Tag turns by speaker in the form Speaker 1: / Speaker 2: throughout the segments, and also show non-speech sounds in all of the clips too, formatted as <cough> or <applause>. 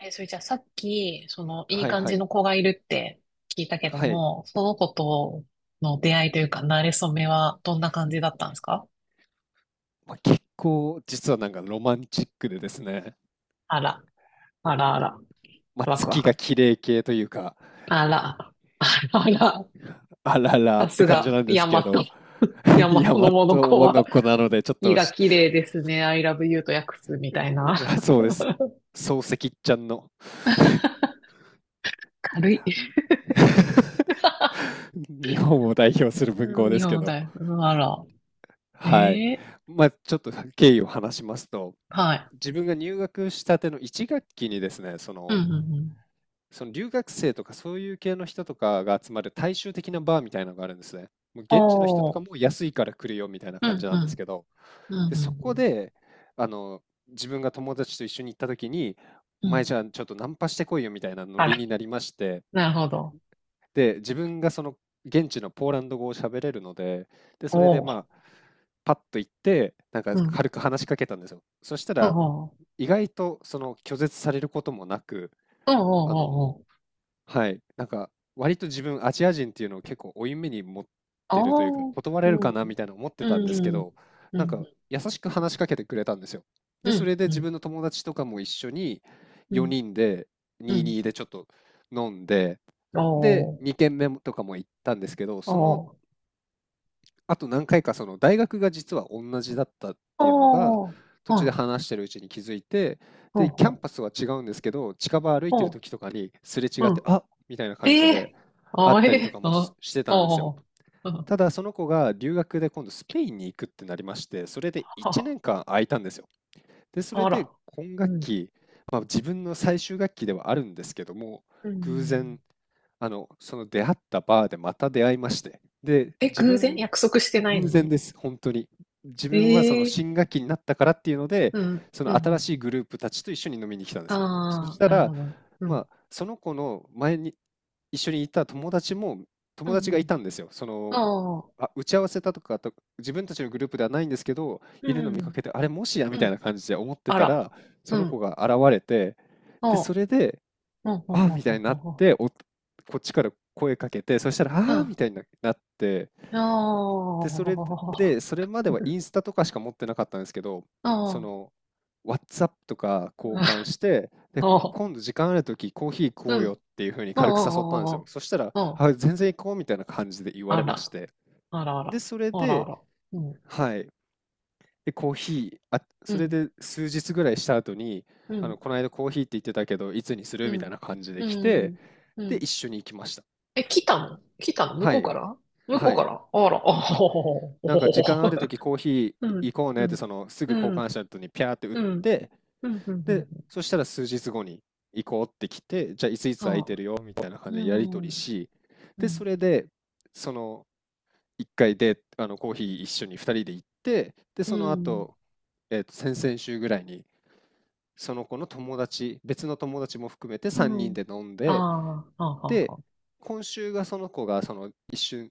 Speaker 1: え、それじゃあさっき、いい
Speaker 2: はい
Speaker 1: 感
Speaker 2: は
Speaker 1: じ
Speaker 2: い。
Speaker 1: の子がいるって聞いたけど
Speaker 2: はい。
Speaker 1: も、その子との出会いというか、馴れ初めはどんな感じだったんですか？
Speaker 2: まあ、結構実はなんかロマンチックでですね、
Speaker 1: あら、あらあら、
Speaker 2: まあ、
Speaker 1: ワクワ
Speaker 2: 月が
Speaker 1: ク。
Speaker 2: 綺麗系というか、
Speaker 1: あら、あらあら、
Speaker 2: あらら
Speaker 1: さ
Speaker 2: って
Speaker 1: す
Speaker 2: 感じ
Speaker 1: が、
Speaker 2: なんで
Speaker 1: ヤ
Speaker 2: す
Speaker 1: マ
Speaker 2: け
Speaker 1: ト、
Speaker 2: ど、 <laughs>、
Speaker 1: ヤマト
Speaker 2: 大
Speaker 1: の
Speaker 2: 和
Speaker 1: モノコ
Speaker 2: の
Speaker 1: は、
Speaker 2: 子なのでちょっ
Speaker 1: 意
Speaker 2: と
Speaker 1: が
Speaker 2: し
Speaker 1: 綺麗ですね。I love you と訳すみたいな。
Speaker 2: <laughs> そうです。漱石ちゃんの
Speaker 1: <laughs> 軽い。
Speaker 2: <laughs>、
Speaker 1: <laughs>
Speaker 2: 日本を代表する文
Speaker 1: う
Speaker 2: 豪
Speaker 1: ん、
Speaker 2: で
Speaker 1: 日
Speaker 2: すけ
Speaker 1: 本
Speaker 2: ど、
Speaker 1: だよ。うん、あら。え
Speaker 2: はい。
Speaker 1: え、
Speaker 2: まあ、ちょっと経緯を話しますと、
Speaker 1: はい。
Speaker 2: 自分が入学したての1学期にですね、そ
Speaker 1: うん
Speaker 2: の
Speaker 1: うんうん。
Speaker 2: その留学生とかそういう系の人とかが集まる大衆的なバーみたいなのがあるんですね。もう現地の人と
Speaker 1: お
Speaker 2: か
Speaker 1: ー。
Speaker 2: も安いから来るよみたいな
Speaker 1: う
Speaker 2: 感
Speaker 1: ん
Speaker 2: じな
Speaker 1: う
Speaker 2: んですけ
Speaker 1: ん。
Speaker 2: ど、
Speaker 1: う
Speaker 2: で、
Speaker 1: んう
Speaker 2: そ
Speaker 1: んう
Speaker 2: こ
Speaker 1: ん。
Speaker 2: で、あの、自分が友達と一緒に行った時に、お
Speaker 1: う
Speaker 2: 前
Speaker 1: ん、
Speaker 2: じゃあちょっとナンパしてこいよみたいなノ
Speaker 1: あ
Speaker 2: リ
Speaker 1: ら、
Speaker 2: になりまして、
Speaker 1: なるほど。
Speaker 2: で、自分がその現地のポーランド語を喋れるので、で、
Speaker 1: お
Speaker 2: それで
Speaker 1: お。
Speaker 2: まあ、パッと行って、なんか
Speaker 1: うん。
Speaker 2: 軽く話しかけたんですよ。そした
Speaker 1: お
Speaker 2: ら、
Speaker 1: お。
Speaker 2: 意外とその拒絶されることもなく、
Speaker 1: おお。
Speaker 2: あの、
Speaker 1: おお。
Speaker 2: はい。なんか、割と自分、アジア人っていうのを結構負い目に持ってるというか、
Speaker 1: おお。
Speaker 2: 断
Speaker 1: う
Speaker 2: れるかなみ
Speaker 1: ん。
Speaker 2: たいな思っ
Speaker 1: う
Speaker 2: てたんですけ
Speaker 1: ん。
Speaker 2: ど、
Speaker 1: う
Speaker 2: なんか、
Speaker 1: ん。
Speaker 2: 優しく話しかけてくれたんですよ。
Speaker 1: う
Speaker 2: で、それ
Speaker 1: ん。
Speaker 2: で
Speaker 1: う
Speaker 2: 自
Speaker 1: ん。
Speaker 2: 分の友達とかも一緒に
Speaker 1: うん。
Speaker 2: 4人で、
Speaker 1: う
Speaker 2: 2人
Speaker 1: ん。
Speaker 2: でちょっと飲んで、
Speaker 1: お
Speaker 2: で、
Speaker 1: お。
Speaker 2: 2軒目もとかも行ったんですけど、
Speaker 1: お
Speaker 2: その
Speaker 1: お。
Speaker 2: あと何回かその大学が実は同じだったっていうのが
Speaker 1: おお。
Speaker 2: 途中
Speaker 1: は
Speaker 2: で
Speaker 1: い。
Speaker 2: 話してるうちに気づいて、
Speaker 1: お
Speaker 2: で、キャン
Speaker 1: お。
Speaker 2: パスは違うんですけど、近場歩いてる
Speaker 1: お、
Speaker 2: 時とかにすれ違っ
Speaker 1: う
Speaker 2: て、
Speaker 1: ん。
Speaker 2: あっみたいな
Speaker 1: え
Speaker 2: 感じで
Speaker 1: え。
Speaker 2: あっ
Speaker 1: あ
Speaker 2: たりと
Speaker 1: え。
Speaker 2: かもし
Speaker 1: あ。
Speaker 2: してたんです
Speaker 1: お
Speaker 2: よ。
Speaker 1: お。
Speaker 2: ただその子が留学で今度スペインに行くってなりまして、それで1
Speaker 1: あ、
Speaker 2: 年間空いたんですよ。で、それ
Speaker 1: あ
Speaker 2: で
Speaker 1: ら。
Speaker 2: 今
Speaker 1: う
Speaker 2: 学
Speaker 1: ん。
Speaker 2: 期、まあ、自分の最終学期ではあるんですけども、
Speaker 1: う
Speaker 2: 偶
Speaker 1: ん。
Speaker 2: 然、その出会ったバーでまた出会いまして、で、
Speaker 1: え、
Speaker 2: 自
Speaker 1: 偶然
Speaker 2: 分
Speaker 1: 約束してないの
Speaker 2: 偶然
Speaker 1: に？
Speaker 2: です、本当に。自分はその
Speaker 1: ええ。
Speaker 2: 新学期になったからっていうので、
Speaker 1: うん。
Speaker 2: そ
Speaker 1: う
Speaker 2: の新
Speaker 1: ん。
Speaker 2: しいグループたちと一緒に飲みに来たんで
Speaker 1: あ
Speaker 2: すよ。そし
Speaker 1: あ、
Speaker 2: た
Speaker 1: なる
Speaker 2: ら、
Speaker 1: ほど。うん。
Speaker 2: まあ、その子の前に一緒にいた友達も
Speaker 1: う
Speaker 2: 友
Speaker 1: ん。
Speaker 2: 達
Speaker 1: う
Speaker 2: がい
Speaker 1: ん。
Speaker 2: たんですよ。その、
Speaker 1: ああ。
Speaker 2: あ、打ち合わせたとかと自分たちのグループではないんですけど、いる
Speaker 1: う
Speaker 2: の見か
Speaker 1: ん。
Speaker 2: けて、あれ、もしやみ
Speaker 1: う
Speaker 2: たい
Speaker 1: ん。
Speaker 2: な感じで思って
Speaker 1: あ
Speaker 2: たら、
Speaker 1: ら。
Speaker 2: そ
Speaker 1: う
Speaker 2: の子
Speaker 1: ん。
Speaker 2: が現れて、で、そ
Speaker 1: おう。
Speaker 2: れで、
Speaker 1: うん。うん。
Speaker 2: ああ、みたいになっ
Speaker 1: うん。
Speaker 2: て、こっちから声かけて、そしたら、
Speaker 1: うん。
Speaker 2: あ
Speaker 1: う
Speaker 2: あ、み
Speaker 1: ん。
Speaker 2: たいになって
Speaker 1: お
Speaker 2: で、それで、
Speaker 1: ー。
Speaker 2: それまではインスタとかしか持ってなかったんですけど、
Speaker 1: お
Speaker 2: そ
Speaker 1: ー。
Speaker 2: の、WhatsApp とか交換して、で、
Speaker 1: おー。
Speaker 2: 今度時間あるときコーヒー行こ
Speaker 1: う
Speaker 2: うよっ
Speaker 1: ん。
Speaker 2: ていうふうに
Speaker 1: お
Speaker 2: 軽く誘ったんですよ。
Speaker 1: ー。
Speaker 2: そしたら、
Speaker 1: おー。お、
Speaker 2: あ、全然行こうみたいな感じで言われまして。
Speaker 1: あらあ
Speaker 2: で、
Speaker 1: ら。
Speaker 2: それ
Speaker 1: あらあ
Speaker 2: で、
Speaker 1: ら。うん。
Speaker 2: はい。で、コーヒー、あ、
Speaker 1: う
Speaker 2: それ
Speaker 1: ん。
Speaker 2: で数日ぐらいした後に、
Speaker 1: う
Speaker 2: あの、
Speaker 1: ん。
Speaker 2: この間コーヒーって言ってたけど、いつにする
Speaker 1: う
Speaker 2: みたいな
Speaker 1: ん。
Speaker 2: 感じで
Speaker 1: う
Speaker 2: 来て、
Speaker 1: ん。う
Speaker 2: で、
Speaker 1: ん。
Speaker 2: 一緒に行きました。
Speaker 1: え、来たの、来たの？向
Speaker 2: は
Speaker 1: こう
Speaker 2: い。
Speaker 1: から？向こ
Speaker 2: は
Speaker 1: うから
Speaker 2: い。
Speaker 1: あら。おー。
Speaker 2: なんか時間あるときコーヒー
Speaker 1: うん。
Speaker 2: 行こうね
Speaker 1: う
Speaker 2: って
Speaker 1: ん。
Speaker 2: そのすぐ交
Speaker 1: う
Speaker 2: 換
Speaker 1: ん。
Speaker 2: した後にピャーって打っ
Speaker 1: うん。うん。
Speaker 2: て
Speaker 1: うん。う
Speaker 2: で、
Speaker 1: ん、
Speaker 2: そしたら数日後に行こうって来て、じゃあいついつ空い
Speaker 1: あ
Speaker 2: て
Speaker 1: あ、
Speaker 2: るよみたいな感
Speaker 1: う
Speaker 2: じでやり取り
Speaker 1: ん。
Speaker 2: し
Speaker 1: う
Speaker 2: で、そ
Speaker 1: ん。
Speaker 2: れでその1回であのコーヒー一緒に2人で行って、で
Speaker 1: う
Speaker 2: その
Speaker 1: ん。
Speaker 2: 後、先々週ぐらいにその子の友達別の友達も含めて
Speaker 1: う
Speaker 2: 3人
Speaker 1: ん。
Speaker 2: で飲ん
Speaker 1: あ
Speaker 2: で
Speaker 1: あ、はあ、は
Speaker 2: で、
Speaker 1: あ、はあ。
Speaker 2: 今週がその子がその一瞬、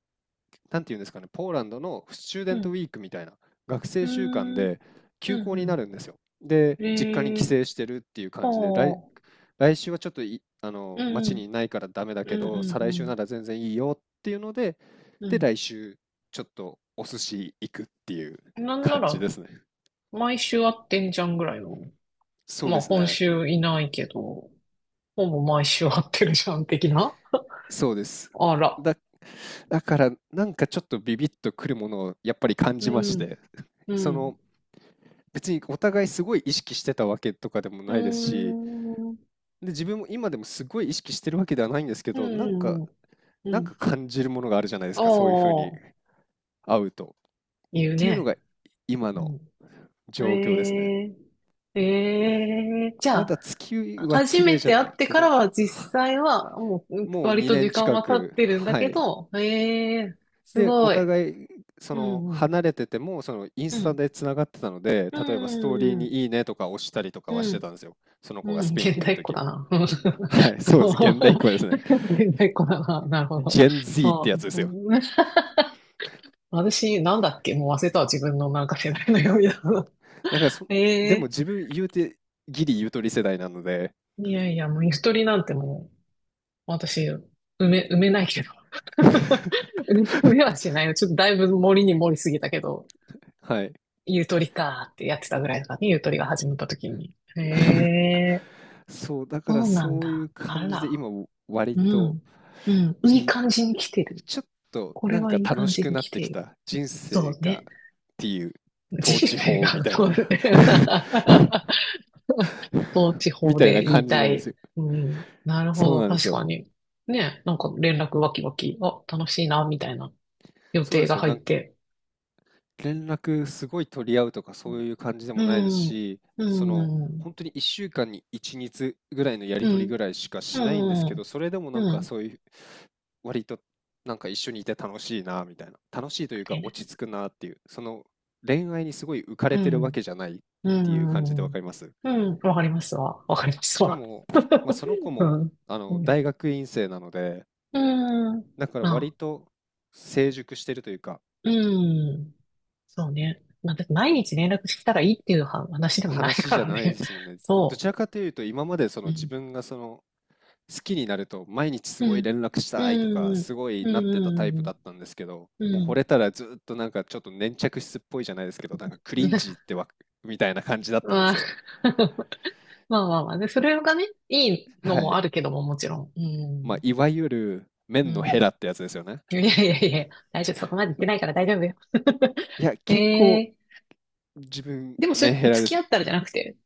Speaker 2: なんていうんですかね、ポーランドのスチューデ
Speaker 1: う
Speaker 2: ントウ
Speaker 1: ん。
Speaker 2: ィークみたいな学
Speaker 1: う
Speaker 2: 生
Speaker 1: ー
Speaker 2: 週間
Speaker 1: ん。
Speaker 2: で
Speaker 1: う
Speaker 2: 休校
Speaker 1: ん
Speaker 2: にな
Speaker 1: う
Speaker 2: るんですよ。で、
Speaker 1: ん。
Speaker 2: 実家に
Speaker 1: え
Speaker 2: 帰
Speaker 1: え、
Speaker 2: 省してるっていう
Speaker 1: あ
Speaker 2: 感じで、
Speaker 1: あ。
Speaker 2: 来週はちょっとあ
Speaker 1: う
Speaker 2: の
Speaker 1: んう
Speaker 2: 町に
Speaker 1: ん。
Speaker 2: いないからダメだ
Speaker 1: う
Speaker 2: け
Speaker 1: ん
Speaker 2: ど、
Speaker 1: う
Speaker 2: 再
Speaker 1: ん
Speaker 2: 来
Speaker 1: う
Speaker 2: 週な
Speaker 1: ん。
Speaker 2: ら全然いいよっていうので、
Speaker 1: う
Speaker 2: で、
Speaker 1: ん。
Speaker 2: 来週ちょっとお寿司行くっていう
Speaker 1: なんな
Speaker 2: 感じ
Speaker 1: ら、
Speaker 2: ですね。
Speaker 1: 毎週会ってんじゃんぐらいの。
Speaker 2: そう
Speaker 1: ま
Speaker 2: で
Speaker 1: あ、
Speaker 2: す
Speaker 1: 今
Speaker 2: ね。
Speaker 1: 週いないけど、ほぼ毎週会ってるじゃん、的な。
Speaker 2: そうです。
Speaker 1: あら。
Speaker 2: だだからなんかちょっとビビッとくるものをやっぱり感
Speaker 1: う
Speaker 2: じまし
Speaker 1: ん。
Speaker 2: て <laughs>
Speaker 1: う
Speaker 2: その
Speaker 1: ん。
Speaker 2: 別にお互いすごい意識してたわけとかでも
Speaker 1: うー
Speaker 2: ないですし、
Speaker 1: ん。うん
Speaker 2: で自分も今でもすごい意識してるわけではないんですけ
Speaker 1: う
Speaker 2: ど、なん
Speaker 1: ん
Speaker 2: か
Speaker 1: うん。う、
Speaker 2: 感じるものがあるじゃないです
Speaker 1: あ
Speaker 2: か、そういうふうに
Speaker 1: あ。
Speaker 2: 会うとっ
Speaker 1: 言う
Speaker 2: ていうの
Speaker 1: ね。
Speaker 2: が今
Speaker 1: う
Speaker 2: の
Speaker 1: ん。
Speaker 2: 状況ですね。
Speaker 1: ええ、え、え、じゃ
Speaker 2: まだ月
Speaker 1: あ、
Speaker 2: は
Speaker 1: 初
Speaker 2: 綺麗
Speaker 1: め
Speaker 2: じゃ
Speaker 1: て会
Speaker 2: な
Speaker 1: っ
Speaker 2: い
Speaker 1: て
Speaker 2: け
Speaker 1: から
Speaker 2: ど、
Speaker 1: は実際はもう
Speaker 2: もう
Speaker 1: 割と
Speaker 2: 2
Speaker 1: 時
Speaker 2: 年
Speaker 1: 間
Speaker 2: 近
Speaker 1: は経っ
Speaker 2: く。
Speaker 1: てるんだ
Speaker 2: は
Speaker 1: け
Speaker 2: い。
Speaker 1: ど、ええ、す
Speaker 2: で、お
Speaker 1: ごい。
Speaker 2: 互い、そ
Speaker 1: う
Speaker 2: の、
Speaker 1: ん、うん、
Speaker 2: 離れてても、その、イン
Speaker 1: う
Speaker 2: スタ
Speaker 1: ん、
Speaker 2: でつながってたので、
Speaker 1: う
Speaker 2: 例えばストーリー
Speaker 1: ん、
Speaker 2: にいいねとか押したりとか
Speaker 1: う
Speaker 2: はして
Speaker 1: ん、
Speaker 2: たんですよ。その子が
Speaker 1: うん、
Speaker 2: スペイン
Speaker 1: 現
Speaker 2: にいる
Speaker 1: 代っ子
Speaker 2: 時
Speaker 1: だ
Speaker 2: も。
Speaker 1: な。<laughs> うん、あ
Speaker 2: <laughs> はい、そうです。現代っ
Speaker 1: の、
Speaker 2: 子ですね。
Speaker 1: <laughs> 現代っ子だな。なるほど。
Speaker 2: Gen Z っ
Speaker 1: あ、
Speaker 2: てやつですよ。
Speaker 1: うん、私、なんだっけ、もう忘れたわ。自分のなんか世代の読み
Speaker 2: うん。
Speaker 1: だ。
Speaker 2: だからそでも
Speaker 1: <laughs> ええ、
Speaker 2: 自分言うて、ギリゆとり世代なので、
Speaker 1: いやいや、もうゆとりなんてもう、私、埋めないけど。
Speaker 2: <laughs>
Speaker 1: 盗め <laughs> はしないよ。ちょっとだいぶ盛りに盛りすぎたけど、
Speaker 2: はい。
Speaker 1: ゆとりかーってやってたぐらいだからね、ゆとりが始まった時に。へ
Speaker 2: <laughs>
Speaker 1: え、
Speaker 2: そう、だから
Speaker 1: そうなん
Speaker 2: そうい
Speaker 1: だ。
Speaker 2: う
Speaker 1: あ
Speaker 2: 感じで
Speaker 1: ら。
Speaker 2: 今割
Speaker 1: う
Speaker 2: と
Speaker 1: ん。うん。
Speaker 2: い
Speaker 1: いい
Speaker 2: い、
Speaker 1: 感じに来てる。
Speaker 2: ちょっと
Speaker 1: こ
Speaker 2: な
Speaker 1: れ
Speaker 2: ん
Speaker 1: は
Speaker 2: か
Speaker 1: いい
Speaker 2: 楽
Speaker 1: 感
Speaker 2: し
Speaker 1: じ
Speaker 2: く
Speaker 1: に
Speaker 2: なっ
Speaker 1: 来
Speaker 2: て
Speaker 1: て
Speaker 2: き
Speaker 1: いる。
Speaker 2: た人
Speaker 1: そ
Speaker 2: 生
Speaker 1: う
Speaker 2: が
Speaker 1: ね。
Speaker 2: っていう統
Speaker 1: 人
Speaker 2: 治
Speaker 1: 生
Speaker 2: 法み
Speaker 1: が、
Speaker 2: たいな
Speaker 1: そうね。<laughs>
Speaker 2: <laughs>
Speaker 1: 統治
Speaker 2: み
Speaker 1: 法
Speaker 2: たい
Speaker 1: で
Speaker 2: な
Speaker 1: 言い
Speaker 2: 感じ
Speaker 1: た
Speaker 2: なんです
Speaker 1: い。
Speaker 2: よ。
Speaker 1: うん。なるほ
Speaker 2: そう
Speaker 1: ど。
Speaker 2: なんです
Speaker 1: 確か
Speaker 2: よ。
Speaker 1: に。ね。なんか連絡わきわき。あ、楽しいな、みたいな予
Speaker 2: そうなん
Speaker 1: 定
Speaker 2: で
Speaker 1: が
Speaker 2: すよ。
Speaker 1: 入っ
Speaker 2: なんか
Speaker 1: て。
Speaker 2: 連絡すごい取り合うとかそういう感じで
Speaker 1: う
Speaker 2: もないです
Speaker 1: ん。
Speaker 2: し、その、
Speaker 1: うん。
Speaker 2: ほんに1週間に1日ぐらいのや
Speaker 1: う
Speaker 2: り取りぐ
Speaker 1: ん。
Speaker 2: らいしかしないんですけ
Speaker 1: うん。
Speaker 2: ど、それでもなん
Speaker 1: う
Speaker 2: か
Speaker 1: ん。
Speaker 2: そういう、割となんか一緒にいて楽しいなみたいな、楽しいというか落ち着くなっていう、その恋愛にすごい浮か
Speaker 1: う
Speaker 2: れてるわけ
Speaker 1: ん。
Speaker 2: じゃないっ
Speaker 1: う
Speaker 2: ていう感じで
Speaker 1: ん。う
Speaker 2: わか
Speaker 1: ん。
Speaker 2: ります。
Speaker 1: うん、わかりますわ。わかりま
Speaker 2: し
Speaker 1: す
Speaker 2: か
Speaker 1: わ。
Speaker 2: も、まあ、その子
Speaker 1: <laughs> う
Speaker 2: も
Speaker 1: ん。
Speaker 2: あ
Speaker 1: う
Speaker 2: の、
Speaker 1: ん。
Speaker 2: 大学院生なので、
Speaker 1: うん。
Speaker 2: だから
Speaker 1: ま
Speaker 2: 割
Speaker 1: あ、
Speaker 2: と成熟してるというか
Speaker 1: うん。そうね。まあ、だって毎日連絡したらいいっていうは話でもない
Speaker 2: 話
Speaker 1: か
Speaker 2: じゃ
Speaker 1: ら
Speaker 2: ないで
Speaker 1: ね。
Speaker 2: すもん
Speaker 1: <laughs>
Speaker 2: ね。ど
Speaker 1: そ
Speaker 2: ちらかというと、今までそ
Speaker 1: う。
Speaker 2: の
Speaker 1: う
Speaker 2: 自
Speaker 1: ん。
Speaker 2: 分がその好きになると、毎日す
Speaker 1: う
Speaker 2: ごい
Speaker 1: ん。
Speaker 2: 連絡し
Speaker 1: う
Speaker 2: たいとか、
Speaker 1: ん。
Speaker 2: すごい
Speaker 1: う
Speaker 2: なってたタイプだ
Speaker 1: ん。
Speaker 2: ったんですけど、
Speaker 1: う
Speaker 2: もう惚
Speaker 1: ん。
Speaker 2: れたらずっとなんかちょっと粘着質っぽいじゃないですけど、なんかク
Speaker 1: う
Speaker 2: リ
Speaker 1: ん。
Speaker 2: ンジーっ
Speaker 1: <laughs>
Speaker 2: てわみたいな感じだったんで
Speaker 1: まあ、
Speaker 2: すよ。
Speaker 1: <laughs> まあまあまあ。で、それがね、いいの
Speaker 2: は
Speaker 1: もあ
Speaker 2: い。
Speaker 1: るけども、もちろん。う
Speaker 2: まあ、
Speaker 1: ん。
Speaker 2: いわゆる
Speaker 1: う
Speaker 2: 麺のヘ
Speaker 1: ん。
Speaker 2: ラってやつですよね。
Speaker 1: いやいやいや、大丈夫、そこまで言ってないから大丈夫よ。
Speaker 2: いや、
Speaker 1: <laughs>
Speaker 2: 結
Speaker 1: え
Speaker 2: 構
Speaker 1: え、
Speaker 2: 自分、
Speaker 1: でもそ
Speaker 2: メン
Speaker 1: れ、
Speaker 2: ヘ
Speaker 1: 付
Speaker 2: ラで
Speaker 1: き
Speaker 2: す。
Speaker 1: 合ったらじゃなくて、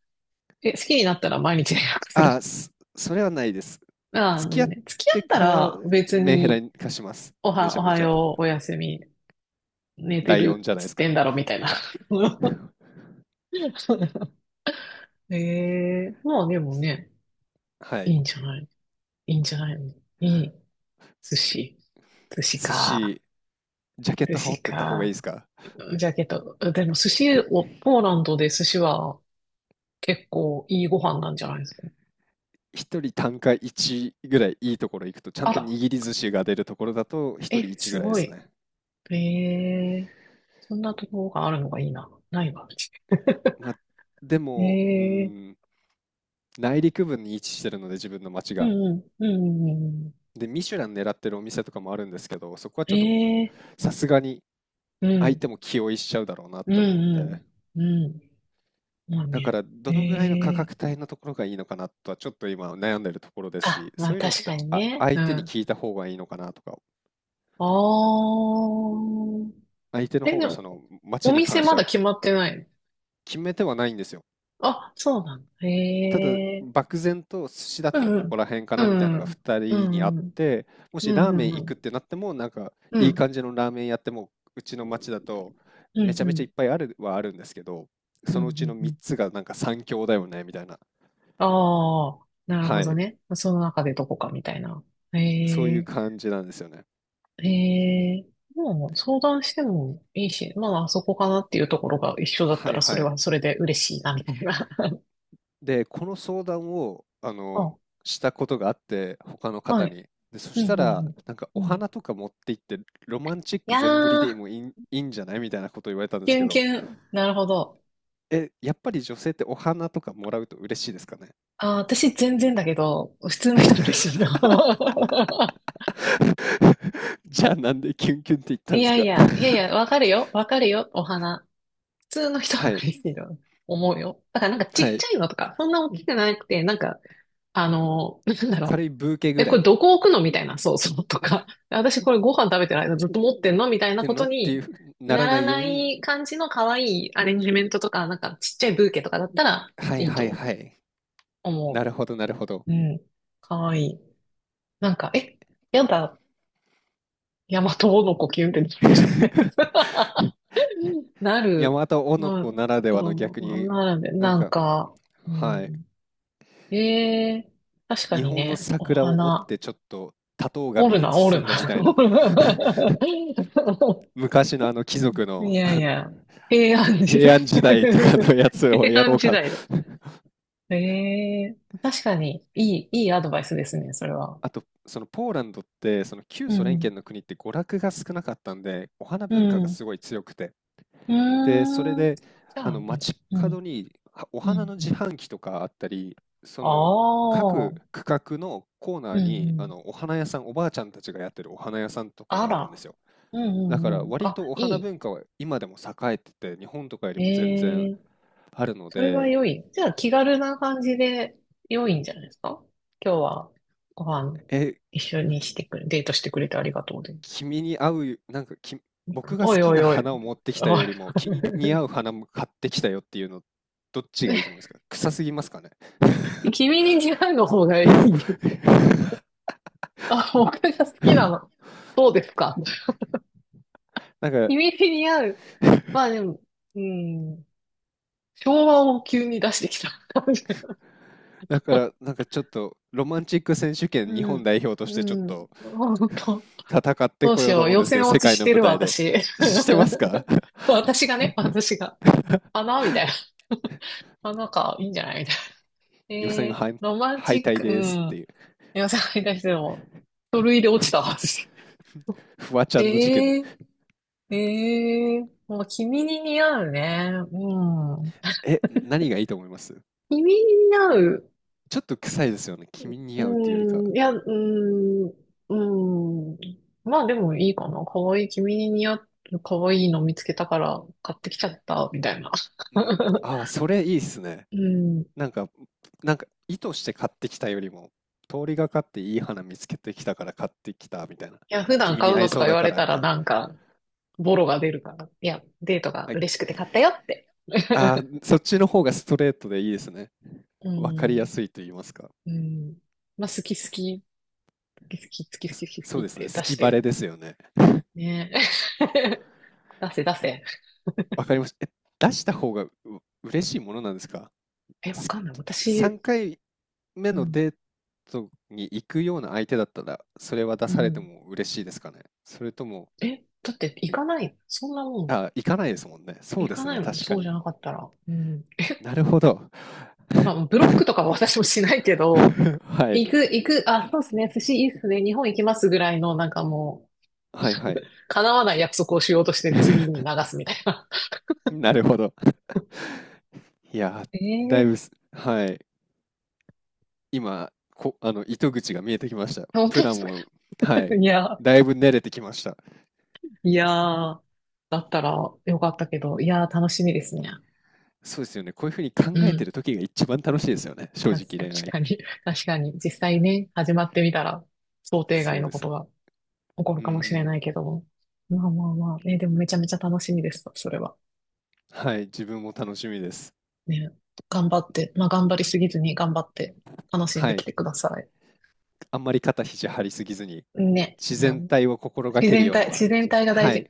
Speaker 1: え、好きになったら毎日連絡する。
Speaker 2: ああ、
Speaker 1: <laughs>
Speaker 2: それはないです。
Speaker 1: ああ、
Speaker 2: 付
Speaker 1: な
Speaker 2: き
Speaker 1: る
Speaker 2: 合
Speaker 1: ほ
Speaker 2: っ
Speaker 1: どね。付き合
Speaker 2: て
Speaker 1: った
Speaker 2: から
Speaker 1: ら別
Speaker 2: メンヘラ
Speaker 1: に、
Speaker 2: に化します。
Speaker 1: お
Speaker 2: めち
Speaker 1: は、
Speaker 2: ゃ
Speaker 1: お
Speaker 2: め
Speaker 1: は
Speaker 2: ちゃ。
Speaker 1: よう、おやすみ、寝
Speaker 2: ラ
Speaker 1: て
Speaker 2: イオン
Speaker 1: る
Speaker 2: じゃ
Speaker 1: っ
Speaker 2: ないで
Speaker 1: つっ
Speaker 2: す
Speaker 1: て
Speaker 2: か。
Speaker 1: んだろ、みたいな。
Speaker 2: <laughs>
Speaker 1: <laughs> ええ、まあでも
Speaker 2: す
Speaker 1: ね、
Speaker 2: は
Speaker 1: い
Speaker 2: い。
Speaker 1: いんじゃない、いいんじゃないの。いい。寿司。寿司
Speaker 2: 寿
Speaker 1: か。
Speaker 2: 司、ジャケッ
Speaker 1: 寿
Speaker 2: ト羽織
Speaker 1: 司
Speaker 2: ってった方がいい
Speaker 1: か。
Speaker 2: ですか？
Speaker 1: ジャケット。でも寿司を、ポーランドで寿司は結構いいご飯なんじゃないですか？
Speaker 2: 一人単価1ぐらい、いいところ行くと、ちゃん
Speaker 1: あ
Speaker 2: と
Speaker 1: ら、
Speaker 2: 握り寿司が出るところだと、一人
Speaker 1: え、
Speaker 2: 1ぐ
Speaker 1: す
Speaker 2: らいで
Speaker 1: ご
Speaker 2: す
Speaker 1: い。
Speaker 2: ね。
Speaker 1: ええ、そんなところがあるのがいいな。ないわ、うち。
Speaker 2: まあ、でも、う
Speaker 1: ええ、
Speaker 2: ん、内陸部に位置してるので、自分の町
Speaker 1: う
Speaker 2: が。
Speaker 1: んうん、うん、うん、う
Speaker 2: で、ミシュラン狙ってるお店とかもあるんですけど、そこはちょっと
Speaker 1: ん。ええ、
Speaker 2: さすがに
Speaker 1: う
Speaker 2: 相
Speaker 1: ん、
Speaker 2: 手も気負いしちゃうだろうなっ
Speaker 1: う
Speaker 2: て思うんで、
Speaker 1: ん、うん、うん。まあ
Speaker 2: だか
Speaker 1: ね。
Speaker 2: ら
Speaker 1: え
Speaker 2: どのぐらいの価
Speaker 1: え、
Speaker 2: 格帯のところがいいのかなとはちょっと今悩んでるところです
Speaker 1: あ、
Speaker 2: し、
Speaker 1: ま
Speaker 2: そ
Speaker 1: あ
Speaker 2: ういうのっ
Speaker 1: 確
Speaker 2: て
Speaker 1: かに
Speaker 2: あ
Speaker 1: ね。
Speaker 2: 相
Speaker 1: う
Speaker 2: 手に
Speaker 1: ん。
Speaker 2: 聞いた方がいいのかなとか、
Speaker 1: あー。
Speaker 2: 相手の
Speaker 1: え、
Speaker 2: 方
Speaker 1: で
Speaker 2: が
Speaker 1: も、
Speaker 2: その
Speaker 1: お
Speaker 2: 街に
Speaker 1: 店
Speaker 2: 関し
Speaker 1: ま
Speaker 2: ては
Speaker 1: だ決まってないの？
Speaker 2: 決めてはないんですよ。
Speaker 1: あ、そうなんだ。
Speaker 2: た
Speaker 1: え
Speaker 2: だ
Speaker 1: え、
Speaker 2: 漠然と寿司だっ
Speaker 1: う
Speaker 2: たらここ
Speaker 1: ん、
Speaker 2: ら辺か
Speaker 1: う
Speaker 2: なみたいなのが
Speaker 1: ん、
Speaker 2: 2
Speaker 1: う
Speaker 2: 人にあ
Speaker 1: ん、
Speaker 2: っ
Speaker 1: うん、
Speaker 2: て、も
Speaker 1: う
Speaker 2: しラーメ
Speaker 1: ん、
Speaker 2: ン
Speaker 1: う
Speaker 2: 行くっ
Speaker 1: ん、
Speaker 2: てなってもなんか
Speaker 1: うん、う
Speaker 2: い
Speaker 1: ん、
Speaker 2: い
Speaker 1: う
Speaker 2: 感
Speaker 1: ん、
Speaker 2: じのラーメン屋ってもう、うちの町だと
Speaker 1: うん、
Speaker 2: めちゃ
Speaker 1: う
Speaker 2: めちゃ
Speaker 1: ん、
Speaker 2: いっぱいあるはあるんですけど、
Speaker 1: うん、
Speaker 2: そ
Speaker 1: う
Speaker 2: のうちの
Speaker 1: んう
Speaker 2: 3
Speaker 1: ん
Speaker 2: つがなんか三強だよねみたいな。
Speaker 1: ああ、なるほ
Speaker 2: は
Speaker 1: ど
Speaker 2: い。
Speaker 1: ね。その中でどこかみたいな。え
Speaker 2: そういう
Speaker 1: え、
Speaker 2: 感じなんですよね。
Speaker 1: ええ、もう相談してもいいし、まあ、あそこかなっていうところが一緒だった
Speaker 2: はい。
Speaker 1: らそ
Speaker 2: は
Speaker 1: れ
Speaker 2: い。
Speaker 1: はそれで嬉しいな、みたいな。<laughs>
Speaker 2: で、この相談を、あの、
Speaker 1: あ、
Speaker 2: したことがあって、他の
Speaker 1: は
Speaker 2: 方
Speaker 1: い。
Speaker 2: に。で、そ
Speaker 1: う
Speaker 2: し
Speaker 1: ん、
Speaker 2: た
Speaker 1: う
Speaker 2: ら、
Speaker 1: ん、
Speaker 2: なんか
Speaker 1: うん。
Speaker 2: お
Speaker 1: うん。
Speaker 2: 花とか持って行って、ロマンチッ
Speaker 1: い
Speaker 2: ク
Speaker 1: や
Speaker 2: 全振りで
Speaker 1: ー、
Speaker 2: もいいんじゃないみたいなこと言われたんで
Speaker 1: キ
Speaker 2: す
Speaker 1: ュ
Speaker 2: け
Speaker 1: ンキ
Speaker 2: ど、
Speaker 1: ュン。なるほど。
Speaker 2: え、やっぱり女性ってお花とかもらうと嬉しいですかね？
Speaker 1: あー、私全然だけど、普通の人も嬉しいな。
Speaker 2: <laughs> じゃあ、なんでキュンキュンって言っ
Speaker 1: <laughs>
Speaker 2: たん
Speaker 1: い
Speaker 2: です
Speaker 1: やい
Speaker 2: か？
Speaker 1: や、い
Speaker 2: <laughs>
Speaker 1: やいや、わかるよ。わかるよ。お花。普通の人は
Speaker 2: はい、
Speaker 1: 嬉しいと思うよ。だからなんかちっ
Speaker 2: は
Speaker 1: ち
Speaker 2: い。
Speaker 1: ゃいのとか、そんな大きくなくて、なんか、あの、なんだ
Speaker 2: 軽
Speaker 1: ろ
Speaker 2: いブーケ
Speaker 1: う。
Speaker 2: ぐ
Speaker 1: え、
Speaker 2: ら
Speaker 1: こ
Speaker 2: いっ
Speaker 1: れどこ置くのみたいな、そうそうとか。私これご飯食べてる間ずっと持ってんのみたいな
Speaker 2: て
Speaker 1: こ
Speaker 2: の
Speaker 1: と
Speaker 2: っていう
Speaker 1: に
Speaker 2: ふうにな
Speaker 1: な
Speaker 2: らな
Speaker 1: ら
Speaker 2: いよ
Speaker 1: な
Speaker 2: うに。
Speaker 1: い感じの可愛いアレンジメントとか、なんかちっちゃいブーケとかだったら
Speaker 2: はい
Speaker 1: いい
Speaker 2: はい
Speaker 1: と
Speaker 2: はい。な
Speaker 1: 思
Speaker 2: るほどなるほど。
Speaker 1: う。うん。可愛い。なんか、え、やだ、ヤマトの子キュンってなるんじゃない
Speaker 2: <laughs>
Speaker 1: の？ <laughs> なる。
Speaker 2: 山形
Speaker 1: まあ、
Speaker 2: 男ならではの
Speaker 1: こ
Speaker 2: 逆
Speaker 1: う
Speaker 2: に、
Speaker 1: なるんで、
Speaker 2: なん
Speaker 1: なん
Speaker 2: か、
Speaker 1: か、う
Speaker 2: はい。
Speaker 1: ん。ええ、確か
Speaker 2: 日
Speaker 1: に
Speaker 2: 本の
Speaker 1: ね、お
Speaker 2: 桜を折っ
Speaker 1: 花、
Speaker 2: てちょっと多頭
Speaker 1: お
Speaker 2: 紙
Speaker 1: る
Speaker 2: に
Speaker 1: な、おる
Speaker 2: 包
Speaker 1: な。
Speaker 2: んでみ
Speaker 1: <laughs>
Speaker 2: たい
Speaker 1: お
Speaker 2: な。
Speaker 1: るな。
Speaker 2: <laughs> 昔のあの貴族
Speaker 1: い
Speaker 2: の
Speaker 1: やいや、平安時
Speaker 2: 平
Speaker 1: 代
Speaker 2: 安時代とか
Speaker 1: <laughs>
Speaker 2: のやつを
Speaker 1: 平
Speaker 2: やろ
Speaker 1: 安
Speaker 2: う
Speaker 1: 時
Speaker 2: かな。
Speaker 1: 代だ。ええ、確かに、いいアドバイスですね、それ
Speaker 2: <laughs>
Speaker 1: は。
Speaker 2: あと、そのポーランドって、その旧
Speaker 1: う
Speaker 2: ソ連圏
Speaker 1: ん、
Speaker 2: の国って娯楽が少なかったんで、お花
Speaker 1: う
Speaker 2: 文化が
Speaker 1: ん、う
Speaker 2: すごい強くて。
Speaker 1: ー
Speaker 2: で、それ
Speaker 1: ん。
Speaker 2: で、
Speaker 1: じゃあ、いいね。
Speaker 2: 街
Speaker 1: うん、
Speaker 2: 角にはお
Speaker 1: う
Speaker 2: 花
Speaker 1: ん、
Speaker 2: の
Speaker 1: う
Speaker 2: 自
Speaker 1: ん。
Speaker 2: 販機とかあったり、そ
Speaker 1: あ
Speaker 2: の
Speaker 1: あ、
Speaker 2: 各
Speaker 1: う
Speaker 2: 区画のコーナ
Speaker 1: ん、
Speaker 2: ー
Speaker 1: う
Speaker 2: に
Speaker 1: ん。
Speaker 2: お花屋さん、おばあちゃんたちがやってるお花屋さんとか
Speaker 1: あ
Speaker 2: があるんで
Speaker 1: ら。
Speaker 2: すよ。
Speaker 1: うん、う
Speaker 2: だか
Speaker 1: ん、
Speaker 2: ら
Speaker 1: うん。
Speaker 2: 割
Speaker 1: あ、
Speaker 2: とお
Speaker 1: い
Speaker 2: 花
Speaker 1: い。
Speaker 2: 文化は今でも栄えてて、日本とかよりも全然
Speaker 1: ええ、
Speaker 2: あるの
Speaker 1: それは
Speaker 2: で、
Speaker 1: 良い。じゃあ気軽な感じで良いんじゃないですか。今日はご飯
Speaker 2: え、
Speaker 1: 一緒にしてくれ、デートしてくれてありがとうで。
Speaker 2: 君に合う、なんかき、僕が
Speaker 1: お
Speaker 2: 好
Speaker 1: い
Speaker 2: き
Speaker 1: お
Speaker 2: な
Speaker 1: いおい。
Speaker 2: 花を持ってきた
Speaker 1: おい。
Speaker 2: より
Speaker 1: <laughs>
Speaker 2: も、君に似合う花も買ってきたよっていうの、どっちがいいと思いますか？臭すぎますかね？
Speaker 1: 君に似合うの方がいい。
Speaker 2: <laughs>
Speaker 1: あ、僕が好きなの。そうですか。
Speaker 2: なんか、
Speaker 1: 君に似合う。まあでも、うん、昭和を急に出してきた感じ。
Speaker 2: だから、
Speaker 1: <laughs>
Speaker 2: なんかちょっと、ロマンチック選手権日
Speaker 1: う
Speaker 2: 本
Speaker 1: ん。
Speaker 2: 代表としてちょっ
Speaker 1: うん。
Speaker 2: と
Speaker 1: 本当。
Speaker 2: 戦って
Speaker 1: どう
Speaker 2: こ
Speaker 1: し
Speaker 2: ようと
Speaker 1: よう。
Speaker 2: 思うん
Speaker 1: 予
Speaker 2: ですけど、
Speaker 1: 選落
Speaker 2: 世
Speaker 1: ち
Speaker 2: 界
Speaker 1: し
Speaker 2: の
Speaker 1: て
Speaker 2: 舞
Speaker 1: るわ、
Speaker 2: 台で。
Speaker 1: 私。
Speaker 2: してますか？
Speaker 1: <laughs>
Speaker 2: <laughs>
Speaker 1: 私がね、私が。花みたいな。<laughs> 花か、いいんじゃないみたいな。
Speaker 2: 予選
Speaker 1: えー、ロマン
Speaker 2: 敗
Speaker 1: チッ
Speaker 2: 退
Speaker 1: ク、う
Speaker 2: ですって
Speaker 1: ん。
Speaker 2: いう。
Speaker 1: 皆さんに対しても、書類で落ちたはず。
Speaker 2: <laughs> フワ
Speaker 1: <laughs>
Speaker 2: ちゃ
Speaker 1: え
Speaker 2: んの事件。
Speaker 1: ー、えー、もう君に似合うね。うん。
Speaker 2: え、何がいいと思います
Speaker 1: 君に似合う。
Speaker 2: ちょっと臭いですよね、君に似
Speaker 1: う
Speaker 2: 合うっていうよりか。
Speaker 1: ん、いや、うん、うん。まあでもいいかな。かわいい、君に似合う、かわいいの見つけたから買ってきちゃった、みたいな。
Speaker 2: うん、
Speaker 1: <laughs>
Speaker 2: ああ、それいいっすね。
Speaker 1: うん。い
Speaker 2: なんかなんか意図して買ってきたよりも、通りがかっていい花見つけてきたから買ってきたみたいな、
Speaker 1: や、普段
Speaker 2: 君
Speaker 1: 買
Speaker 2: に
Speaker 1: う
Speaker 2: 合
Speaker 1: の
Speaker 2: い
Speaker 1: と
Speaker 2: そ
Speaker 1: か
Speaker 2: う
Speaker 1: 言
Speaker 2: だ
Speaker 1: わ
Speaker 2: か
Speaker 1: れ
Speaker 2: ら
Speaker 1: た
Speaker 2: みた
Speaker 1: ら
Speaker 2: いな。
Speaker 1: なんか、ボロが出るから。いや、デートが
Speaker 2: あき
Speaker 1: 嬉しくて買ったよって。
Speaker 2: ああ、そっちの方がストレートでいいですね。
Speaker 1: う
Speaker 2: わかりや
Speaker 1: ん。
Speaker 2: すいと言いますか。
Speaker 1: うん。まあ、好き好き、好き好き、好
Speaker 2: そ、
Speaker 1: き好き、好き好
Speaker 2: そ
Speaker 1: き
Speaker 2: う
Speaker 1: っ
Speaker 2: ですね。
Speaker 1: て
Speaker 2: 好
Speaker 1: 出し
Speaker 2: きバ
Speaker 1: て
Speaker 2: レ
Speaker 1: る。
Speaker 2: ですよね。
Speaker 1: ね。 <laughs> 出せ出せ。
Speaker 2: わかりました。え、出した方が嬉しいものなんですか？
Speaker 1: え、わ
Speaker 2: す
Speaker 1: かんない。
Speaker 2: 3
Speaker 1: 私、
Speaker 2: 回目
Speaker 1: う
Speaker 2: の
Speaker 1: ん。
Speaker 2: デートに行くような相手だったら、それは出
Speaker 1: う
Speaker 2: されて
Speaker 1: ん。
Speaker 2: も嬉しいですかね？それとも、
Speaker 1: え、だって行かない。そんなもん。
Speaker 2: あ、行かないですもんね。そう
Speaker 1: 行
Speaker 2: で
Speaker 1: か
Speaker 2: す
Speaker 1: ない
Speaker 2: ね。
Speaker 1: もん。
Speaker 2: 確か
Speaker 1: そうじゃ
Speaker 2: に。
Speaker 1: なかったら。うん。
Speaker 2: なるほど。
Speaker 1: まあ、ブロックとかは私もしないけど、
Speaker 2: <laughs> はい。
Speaker 1: 行く、行く、あ、そうですね。寿司いいっすね。日本行きますぐらいの、なんかも
Speaker 2: はいは
Speaker 1: う、
Speaker 2: い。
Speaker 1: 叶わない約束をしようとして次に
Speaker 2: <laughs>
Speaker 1: 流すみたいな。
Speaker 2: なるほど。いやー、だい
Speaker 1: <laughs> え
Speaker 2: ぶす、
Speaker 1: え、
Speaker 2: はい。今、糸口が見えてきました。
Speaker 1: 本
Speaker 2: プ
Speaker 1: 当で
Speaker 2: ラ
Speaker 1: す
Speaker 2: ン
Speaker 1: か？
Speaker 2: を、は
Speaker 1: <laughs>
Speaker 2: い。
Speaker 1: いや、
Speaker 2: だいぶ練れてきました。
Speaker 1: いやー、だったらよかったけど、いやー、楽しみですね。
Speaker 2: そうですよね。こういうふうに考
Speaker 1: う
Speaker 2: えて
Speaker 1: ん。
Speaker 2: る時が一番楽しいですよね。正
Speaker 1: た確
Speaker 2: 直恋愛っ
Speaker 1: かに、
Speaker 2: て。
Speaker 1: <laughs> 確かに、実際ね、始まってみたら、想定
Speaker 2: そ
Speaker 1: 外
Speaker 2: う
Speaker 1: の
Speaker 2: で
Speaker 1: こ
Speaker 2: す。
Speaker 1: とが起こる
Speaker 2: うんう
Speaker 1: かもしれ
Speaker 2: ん。
Speaker 1: ないけども。まあまあまあ、ね、でもめちゃめちゃ楽しみです、それは。
Speaker 2: はい。自分も楽しみです。
Speaker 1: ね、頑張って、まあ頑張りすぎずに頑張って、楽しん
Speaker 2: は
Speaker 1: でき
Speaker 2: い。
Speaker 1: てくださ
Speaker 2: あんまり肩肘張りすぎずに、
Speaker 1: い。ね。
Speaker 2: 自
Speaker 1: う
Speaker 2: 然
Speaker 1: ん、
Speaker 2: 体を心が
Speaker 1: 自
Speaker 2: ける
Speaker 1: 然
Speaker 2: ように
Speaker 1: 体、
Speaker 2: は。
Speaker 1: 自然体が大
Speaker 2: は
Speaker 1: 事。
Speaker 2: い。